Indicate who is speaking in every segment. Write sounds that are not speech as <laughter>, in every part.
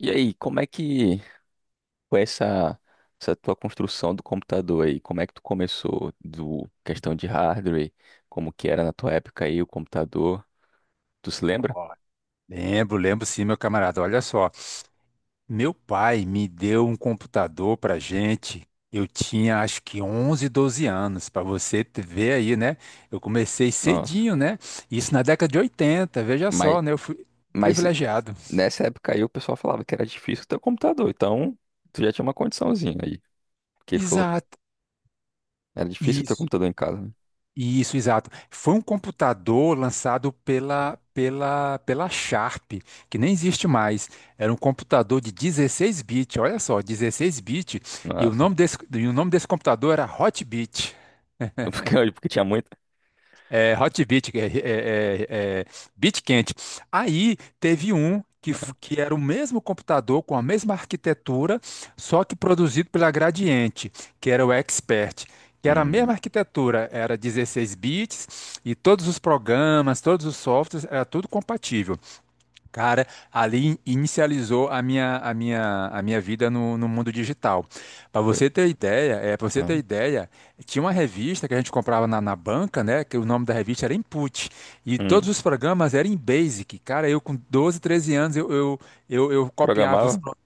Speaker 1: E aí, como é que foi essa tua construção do computador aí? Como é que tu começou do questão de hardware? Como que era na tua época aí o computador? Tu se lembra?
Speaker 2: Ó, lembro, lembro sim, meu camarada. Olha só, meu pai me deu um computador pra gente. Eu tinha acho que 11, 12 anos, para você ver aí, né? Eu comecei
Speaker 1: Nossa.
Speaker 2: cedinho, né? Isso na década de 80. Veja
Speaker 1: Mas,
Speaker 2: só, né? Eu fui
Speaker 1: mas
Speaker 2: privilegiado.
Speaker 1: nessa época aí o pessoal falava que era difícil ter um computador, então tu já tinha uma condiçãozinha aí. Porque falou
Speaker 2: Exato.
Speaker 1: era difícil ter um
Speaker 2: Isso.
Speaker 1: computador em casa, né?
Speaker 2: Isso, exato. Foi um computador lançado pela Sharp, que nem existe mais. Era um computador de 16 bits, olha só, 16 bits, e o
Speaker 1: Nossa.
Speaker 2: nome desse, e o nome desse computador era Hotbit.
Speaker 1: <laughs> Porque tinha muito.
Speaker 2: É, hot beat, é, é, beat quente. Aí teve um que era o mesmo computador com a mesma arquitetura, só que produzido pela Gradiente, que era o Expert, que era a
Speaker 1: Hum,
Speaker 2: mesma arquitetura, era 16 bits e todos os programas, todos os softwares, era tudo compatível. Cara, ali inicializou a minha vida no mundo digital. Para
Speaker 1: foi.
Speaker 2: você ter ideia,
Speaker 1: Ah,
Speaker 2: tinha uma revista que a gente comprava na banca, né? Que o nome da revista era Input. E todos
Speaker 1: hum.
Speaker 2: os programas eram em Basic. Cara, eu com 12, 13 anos, eu copiava os.
Speaker 1: Programava?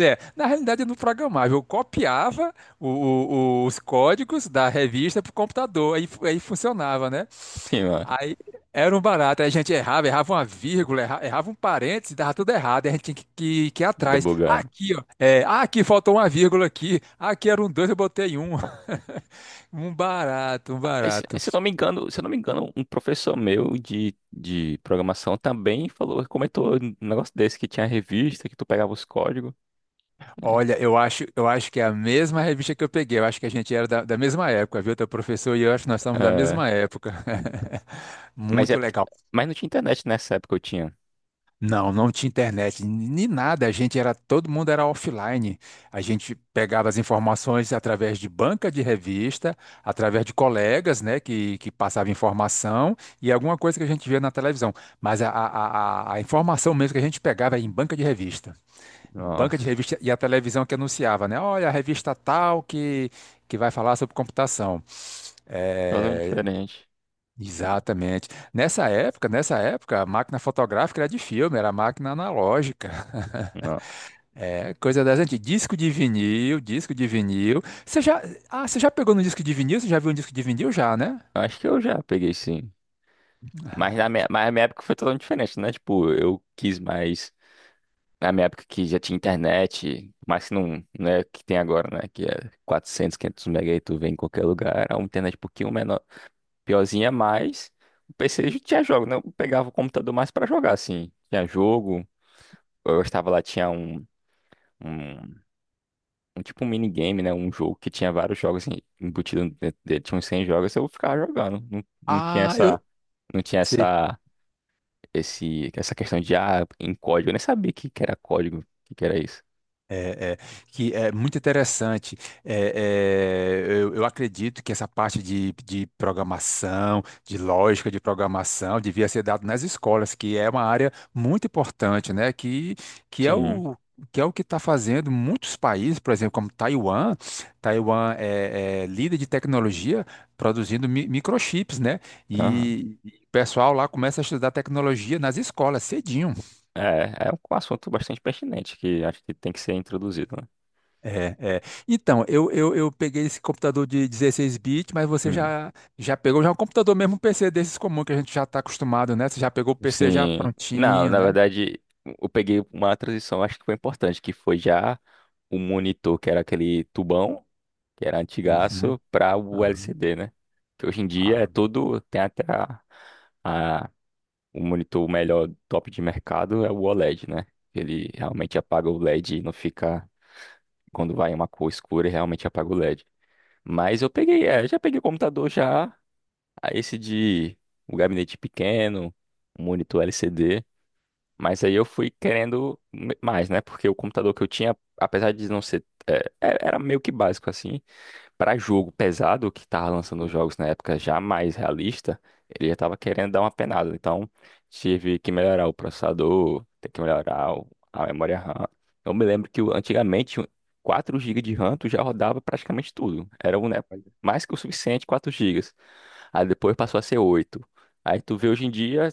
Speaker 2: É, na realidade, eu não programava, eu copiava os códigos da revista para o computador, aí funcionava, né?
Speaker 1: Ih, mano,
Speaker 2: Aí era um barato, aí a gente errava uma vírgula, errava, um parêntese, dava tudo errado, aí a gente tinha que ir
Speaker 1: ainda
Speaker 2: atrás.
Speaker 1: bugaram.
Speaker 2: Aqui, ó, ah, aqui faltou uma vírgula aqui. Ah, aqui era um dois, eu botei um. <laughs> Um barato, um
Speaker 1: Mas Se
Speaker 2: barato.
Speaker 1: se eu não me engano, um professor meu de programação também falou, comentou um negócio desse que tinha revista, que tu pegava os códigos, né?
Speaker 2: Olha, eu acho que é a mesma revista que eu peguei, eu acho que a gente era da mesma época, viu, teu professor e eu acho que nós estamos da
Speaker 1: É,
Speaker 2: mesma época. <laughs>
Speaker 1: mas é
Speaker 2: Muito
Speaker 1: porque,
Speaker 2: legal.
Speaker 1: mas não tinha internet nessa época eu tinha.
Speaker 2: Não, não tinha internet, nem nada. A gente era, todo mundo era offline. A gente pegava as informações através de banca de revista, através de colegas, né, que passavam informação e alguma coisa que a gente via na televisão. Mas a informação mesmo que a gente pegava era em banca de revista. Banca de
Speaker 1: Nossa,
Speaker 2: revista e a televisão que anunciava, né? Olha, a revista tal que vai falar sobre computação.
Speaker 1: totalmente
Speaker 2: Eh,
Speaker 1: diferente.
Speaker 2: Exatamente. Nessa época, a máquina fotográfica era de filme, era máquina analógica.
Speaker 1: Não,
Speaker 2: <laughs> É, coisa das antigas. Disco de vinil, disco de vinil. Você já pegou no disco de vinil? Você já viu um disco de vinil já, né?
Speaker 1: acho que eu já peguei sim. Mas na minha época foi totalmente diferente, né? Tipo, eu quis mais na minha época que já tinha internet, mas que não, não é o que tem agora, né? Que é 400 500 mega e tu vê em qualquer lugar, a uma internet um pouquinho menor. Piorzinha, mas o PC já tinha jogo, né? Eu pegava o computador mais pra jogar, assim. Tinha jogo, eu estava lá, tinha um, um tipo um minigame, né? Um jogo que tinha vários jogos assim, embutidos dentro dele, tinha uns 100 jogos, eu ficava jogando. Não, não tinha
Speaker 2: Ah, eu
Speaker 1: essa, não tinha
Speaker 2: sei.
Speaker 1: essa, esse, essa questão de, ah, em código. Eu nem sabia o que que era código, o que que era isso.
Speaker 2: É, é. Que é muito interessante. É, é. Eu acredito que essa parte de programação, de lógica de programação, devia ser dado nas escolas, que é uma área muito importante, né? Que é
Speaker 1: Sim,
Speaker 2: o que é o que está fazendo muitos países, por exemplo, como Taiwan. Taiwan é líder de tecnologia, produzindo microchips, né?
Speaker 1: aham.
Speaker 2: E o pessoal lá começa a estudar tecnologia nas escolas cedinho.
Speaker 1: É, é um assunto bastante pertinente que acho que tem que ser introduzido, né?
Speaker 2: É, é. Então, eu peguei esse computador de 16 bits, mas você já pegou já é um computador mesmo, um PC desses comum que a gente já está acostumado, né? Você já pegou o PC já
Speaker 1: Sim. Não,
Speaker 2: prontinho,
Speaker 1: na
Speaker 2: né?
Speaker 1: verdade, eu peguei uma transição, acho que foi importante, que foi já o monitor, que era aquele tubão, que era
Speaker 2: Uhum,
Speaker 1: antigaço, para o
Speaker 2: aham,
Speaker 1: LCD, né? Que hoje em dia é
Speaker 2: ah,
Speaker 1: todo, tem até a- o monitor melhor top de mercado é o OLED, né? Ele realmente apaga o LED e não fica, quando vai uma cor escura, ele realmente apaga o LED. Mas eu peguei, é, já peguei o computador já, a esse de um gabinete pequeno, um monitor LCD. Mas aí eu fui querendo mais, né? Porque o computador que eu tinha, apesar de não ser. Era meio que básico, assim. Para jogo pesado, que tava lançando os jogos na época já mais realista, ele já tava querendo dar uma penada. Então, tive que melhorar o processador, ter que melhorar a memória RAM. Eu me lembro que antigamente, 4 gigas de RAM tu já rodava praticamente tudo. Era um, né,
Speaker 2: olha.
Speaker 1: mais que o suficiente, 4 gigas. Aí depois passou a ser 8. Aí tu vê hoje em dia.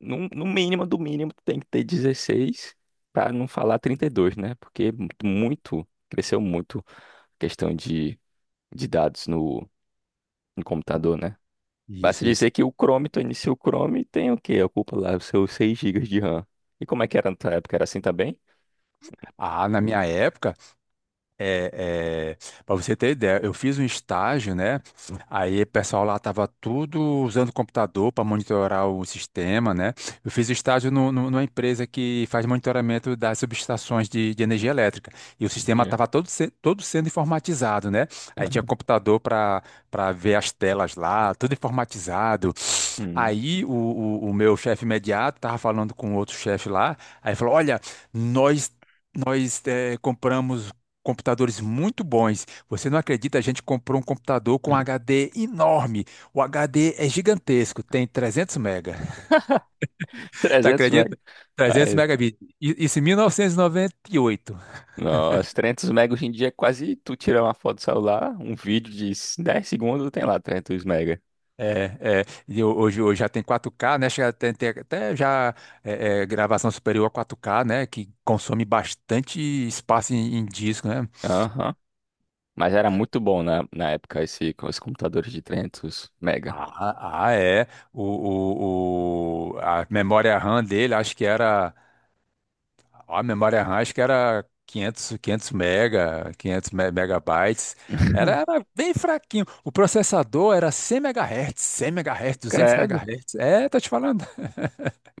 Speaker 1: No mínimo do mínimo tem que ter 16 para não falar 32, né? Porque é muito, cresceu muito a questão de dados no computador, né? Basta
Speaker 2: Isso, isso.
Speaker 1: dizer que o Chrome, tu inicia o Chrome e tem o quê? Ocupa lá os seus 6 gigas de RAM. E como é que era na tua época? Era assim também?
Speaker 2: Ah, na minha época, É, para você ter ideia, eu fiz um estágio, né? Aí o pessoal lá tava tudo usando computador para monitorar o sistema, né? Eu fiz estágio numa empresa que faz monitoramento das subestações de energia elétrica. E o sistema
Speaker 1: Yeah.
Speaker 2: tava todo, se- todo sendo informatizado, né? Aí
Speaker 1: Aham.
Speaker 2: tinha
Speaker 1: Hum.
Speaker 2: computador para ver as telas lá, tudo informatizado.
Speaker 1: <laughs>
Speaker 2: Aí o meu chefe imediato tava falando com outro chefe lá, aí falou: Olha, nós nós compramos computadores muito bons. Você não acredita, a gente comprou um computador com
Speaker 1: Hum.
Speaker 2: HD enorme. O HD é gigantesco, tem 300 mega. <laughs> Tá
Speaker 1: 300 mega.
Speaker 2: acredita? 300
Speaker 1: Ai,
Speaker 2: megabits. Isso em 1998.
Speaker 1: nossa, 300 mega hoje em dia é quase tu tirar uma foto do celular, um vídeo de 10 segundos, tem lá 300 mega.
Speaker 2: É, é. E hoje já tem 4K, né? Chega, tem até já gravação superior a 4K, né? Que consome bastante espaço em disco, né?
Speaker 1: Aham. Mas era muito bom na, na época esse, com os computadores de 300 mega.
Speaker 2: Ah, ah, é. A memória RAM dele, acho que era. A memória RAM, acho que era 500 mega, 500 megabytes. Era,
Speaker 1: <laughs>
Speaker 2: era bem fraquinho. O processador era 100 megahertz, 100 megahertz, 200
Speaker 1: Credo.
Speaker 2: megahertz. É, tô te falando.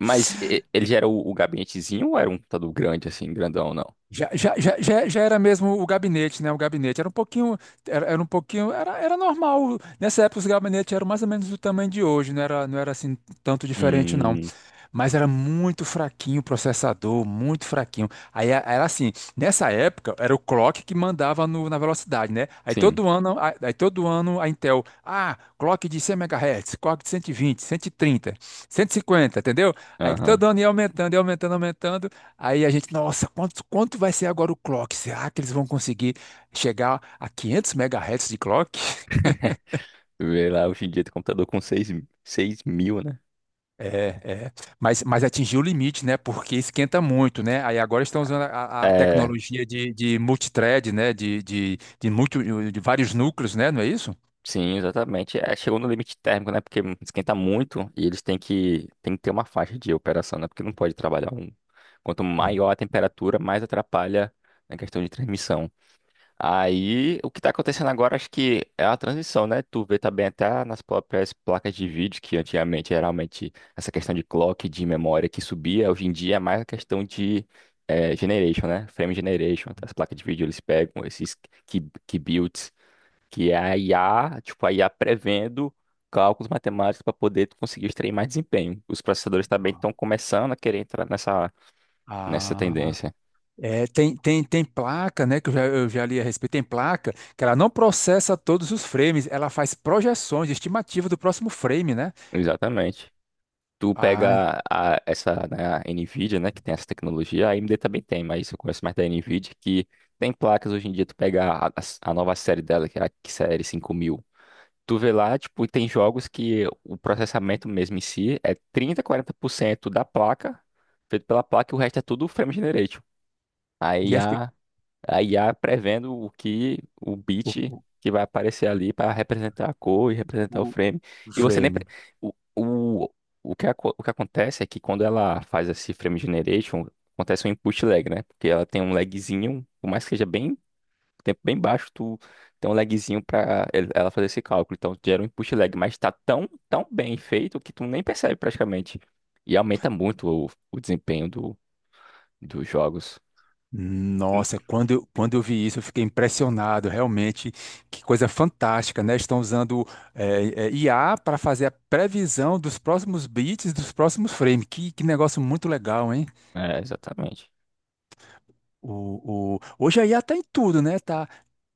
Speaker 1: Mas ele já era o gabinetezinho ou era um computador grande, assim, grandão, não?
Speaker 2: Já era mesmo o gabinete, né? O gabinete era um pouquinho, era um pouquinho, era normal. Nessa época os gabinetes eram mais ou menos do tamanho de hoje, não era assim tanto diferente, não.
Speaker 1: Hum,
Speaker 2: Mas era muito fraquinho o processador, muito fraquinho. Aí era assim, nessa época era o clock que mandava na velocidade, né? Aí
Speaker 1: sim.
Speaker 2: todo ano, a- aí todo ano a Intel, clock de 100 MHz, clock de 120, 130, 150, entendeu? Aí todo
Speaker 1: Aham.
Speaker 2: ano ia aumentando, aumentando. Aí a gente, nossa, quanto vai ser agora o clock? Será que eles vão conseguir chegar a 500 MHz de clock?
Speaker 1: <laughs> Vê lá, hoje em dia tem computador com seis mil, né?
Speaker 2: É, é. Mas atingiu o limite, né? Porque esquenta muito, né? Aí agora estão usando a
Speaker 1: É,
Speaker 2: tecnologia de multithread, né? De vários núcleos, né? Não é isso?
Speaker 1: sim, exatamente. É, chegou no limite térmico, né? Porque esquenta muito e eles têm que ter uma faixa de operação, né? Porque não pode trabalhar um. Quanto
Speaker 2: Hum.
Speaker 1: maior a temperatura, mais atrapalha na questão de transmissão. Aí, o que tá acontecendo agora, acho que é a transição, né? Tu vê também até nas próprias placas de vídeo, que antigamente, geralmente, essa questão de clock, de memória que subia, hoje em dia é mais a questão de generation, né? Frame generation. As placas de vídeo, eles pegam esses key builds, que é a IA, tipo, a IA prevendo cálculos matemáticos para poder tu conseguir extrair mais desempenho. Os processadores também estão começando a querer entrar nessa
Speaker 2: Ah,
Speaker 1: tendência.
Speaker 2: é, tem placa, né? Que eu já li a respeito. Tem placa que ela não processa todos os frames, ela faz projeções, estimativa do próximo frame, né?
Speaker 1: Exatamente. Tu
Speaker 2: Ah,
Speaker 1: pega essa, né, a Nvidia, né, que tem essa tecnologia, a AMD também tem, mas eu conheço mais da Nvidia, que tem placas hoje em dia, tu pega a nova série dela, que é a série 5000, tu vê lá, tipo, e tem jogos que o processamento mesmo em si é 30 40% da placa, feito pela placa, e o resto é tudo frame generation.
Speaker 2: e
Speaker 1: Aí
Speaker 2: é fe-
Speaker 1: a IA prevendo o que o
Speaker 2: o,
Speaker 1: bit que vai aparecer ali para representar a cor e representar o
Speaker 2: o,
Speaker 1: frame.
Speaker 2: o
Speaker 1: E você nem
Speaker 2: frame.
Speaker 1: o, o, o que o que acontece é que quando ela faz esse frame generation, acontece um input lag, né? Porque ela tem um lagzinho, por mais que seja bem tempo bem baixo, tu tem um lagzinho para ela fazer esse cálculo. Então gera um input lag, mas está tão bem feito que tu nem percebe praticamente. E aumenta muito o desempenho do, dos jogos.
Speaker 2: Nossa, quando eu vi isso, eu fiquei impressionado, realmente, que coisa fantástica, né? Estão usando IA para fazer a previsão dos próximos bits dos próximos frames. Que negócio muito legal, hein?
Speaker 1: É, exatamente.
Speaker 2: Hoje a IA tá em tudo, né? Tá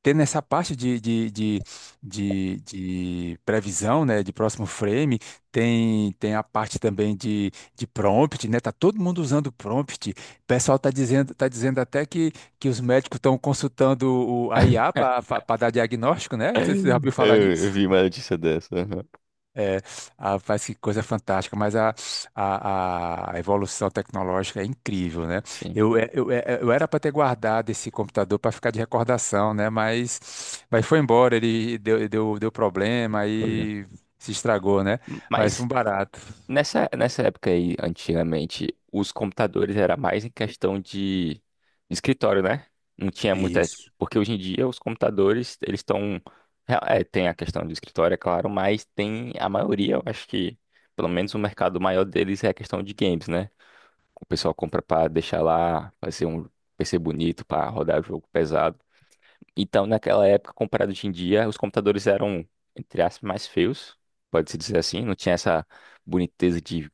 Speaker 2: tendo essa parte de previsão, né? De próximo frame, tem a parte também de prompt, né? Tá todo mundo usando prompt. O pessoal tá dizendo até que os médicos estão consultando a IA para dar diagnóstico, né? Você já ouviu
Speaker 1: <laughs>
Speaker 2: falar
Speaker 1: Eu
Speaker 2: nisso?
Speaker 1: vi uma notícia dessa. Aham.
Speaker 2: É, a parece que coisa fantástica, mas a evolução tecnológica é incrível, né?
Speaker 1: Sim,
Speaker 2: Eu era para ter guardado esse computador para ficar de recordação, né? Mas foi embora, ele deu problema
Speaker 1: foi.
Speaker 2: aí se estragou, né? Mas foi
Speaker 1: Mas
Speaker 2: um barato.
Speaker 1: nessa época aí, antigamente, os computadores era mais em questão de escritório, né? Não tinha muita.
Speaker 2: Isso.
Speaker 1: Porque hoje em dia os computadores, eles estão. É, é, tem a questão do escritório, é claro, mas tem a maioria, eu acho que, pelo menos o mercado maior deles é a questão de games, né? O pessoal compra pra deixar lá, fazer um PC bonito pra rodar jogo pesado. Então, naquela época, comparado hoje em dia, os computadores eram, entre aspas, mais feios, pode-se dizer assim. Não tinha essa boniteza de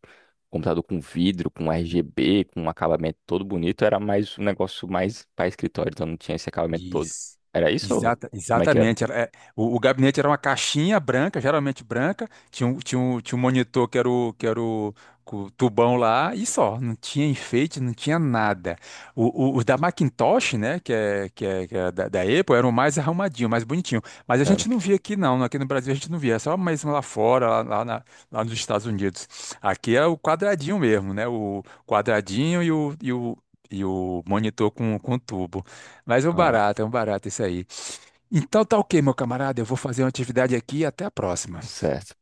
Speaker 1: computador com vidro, com RGB, com um acabamento todo bonito. Era mais um negócio mais para escritório, então não tinha esse acabamento todo.
Speaker 2: Isso.
Speaker 1: Era isso ou
Speaker 2: Exata,
Speaker 1: como é que era?
Speaker 2: exatamente. O gabinete era uma caixinha branca, geralmente branca, tinha um, tinha um monitor com o tubão lá, e só, não tinha enfeite, não tinha nada. O, os da Macintosh, né, que é da Apple, eram mais arrumadinho, mais bonitinho. Mas a
Speaker 1: Era.
Speaker 2: gente não via aqui, não. Aqui no Brasil a gente não via, é só mesmo lá fora, lá nos Estados Unidos. Aqui é o quadradinho mesmo, né? O quadradinho e o monitor com tubo. Mas
Speaker 1: Ah,
Speaker 2: é um barato isso aí. Então tá ok, meu camarada. Eu vou fazer uma atividade aqui e até a próxima.
Speaker 1: certo.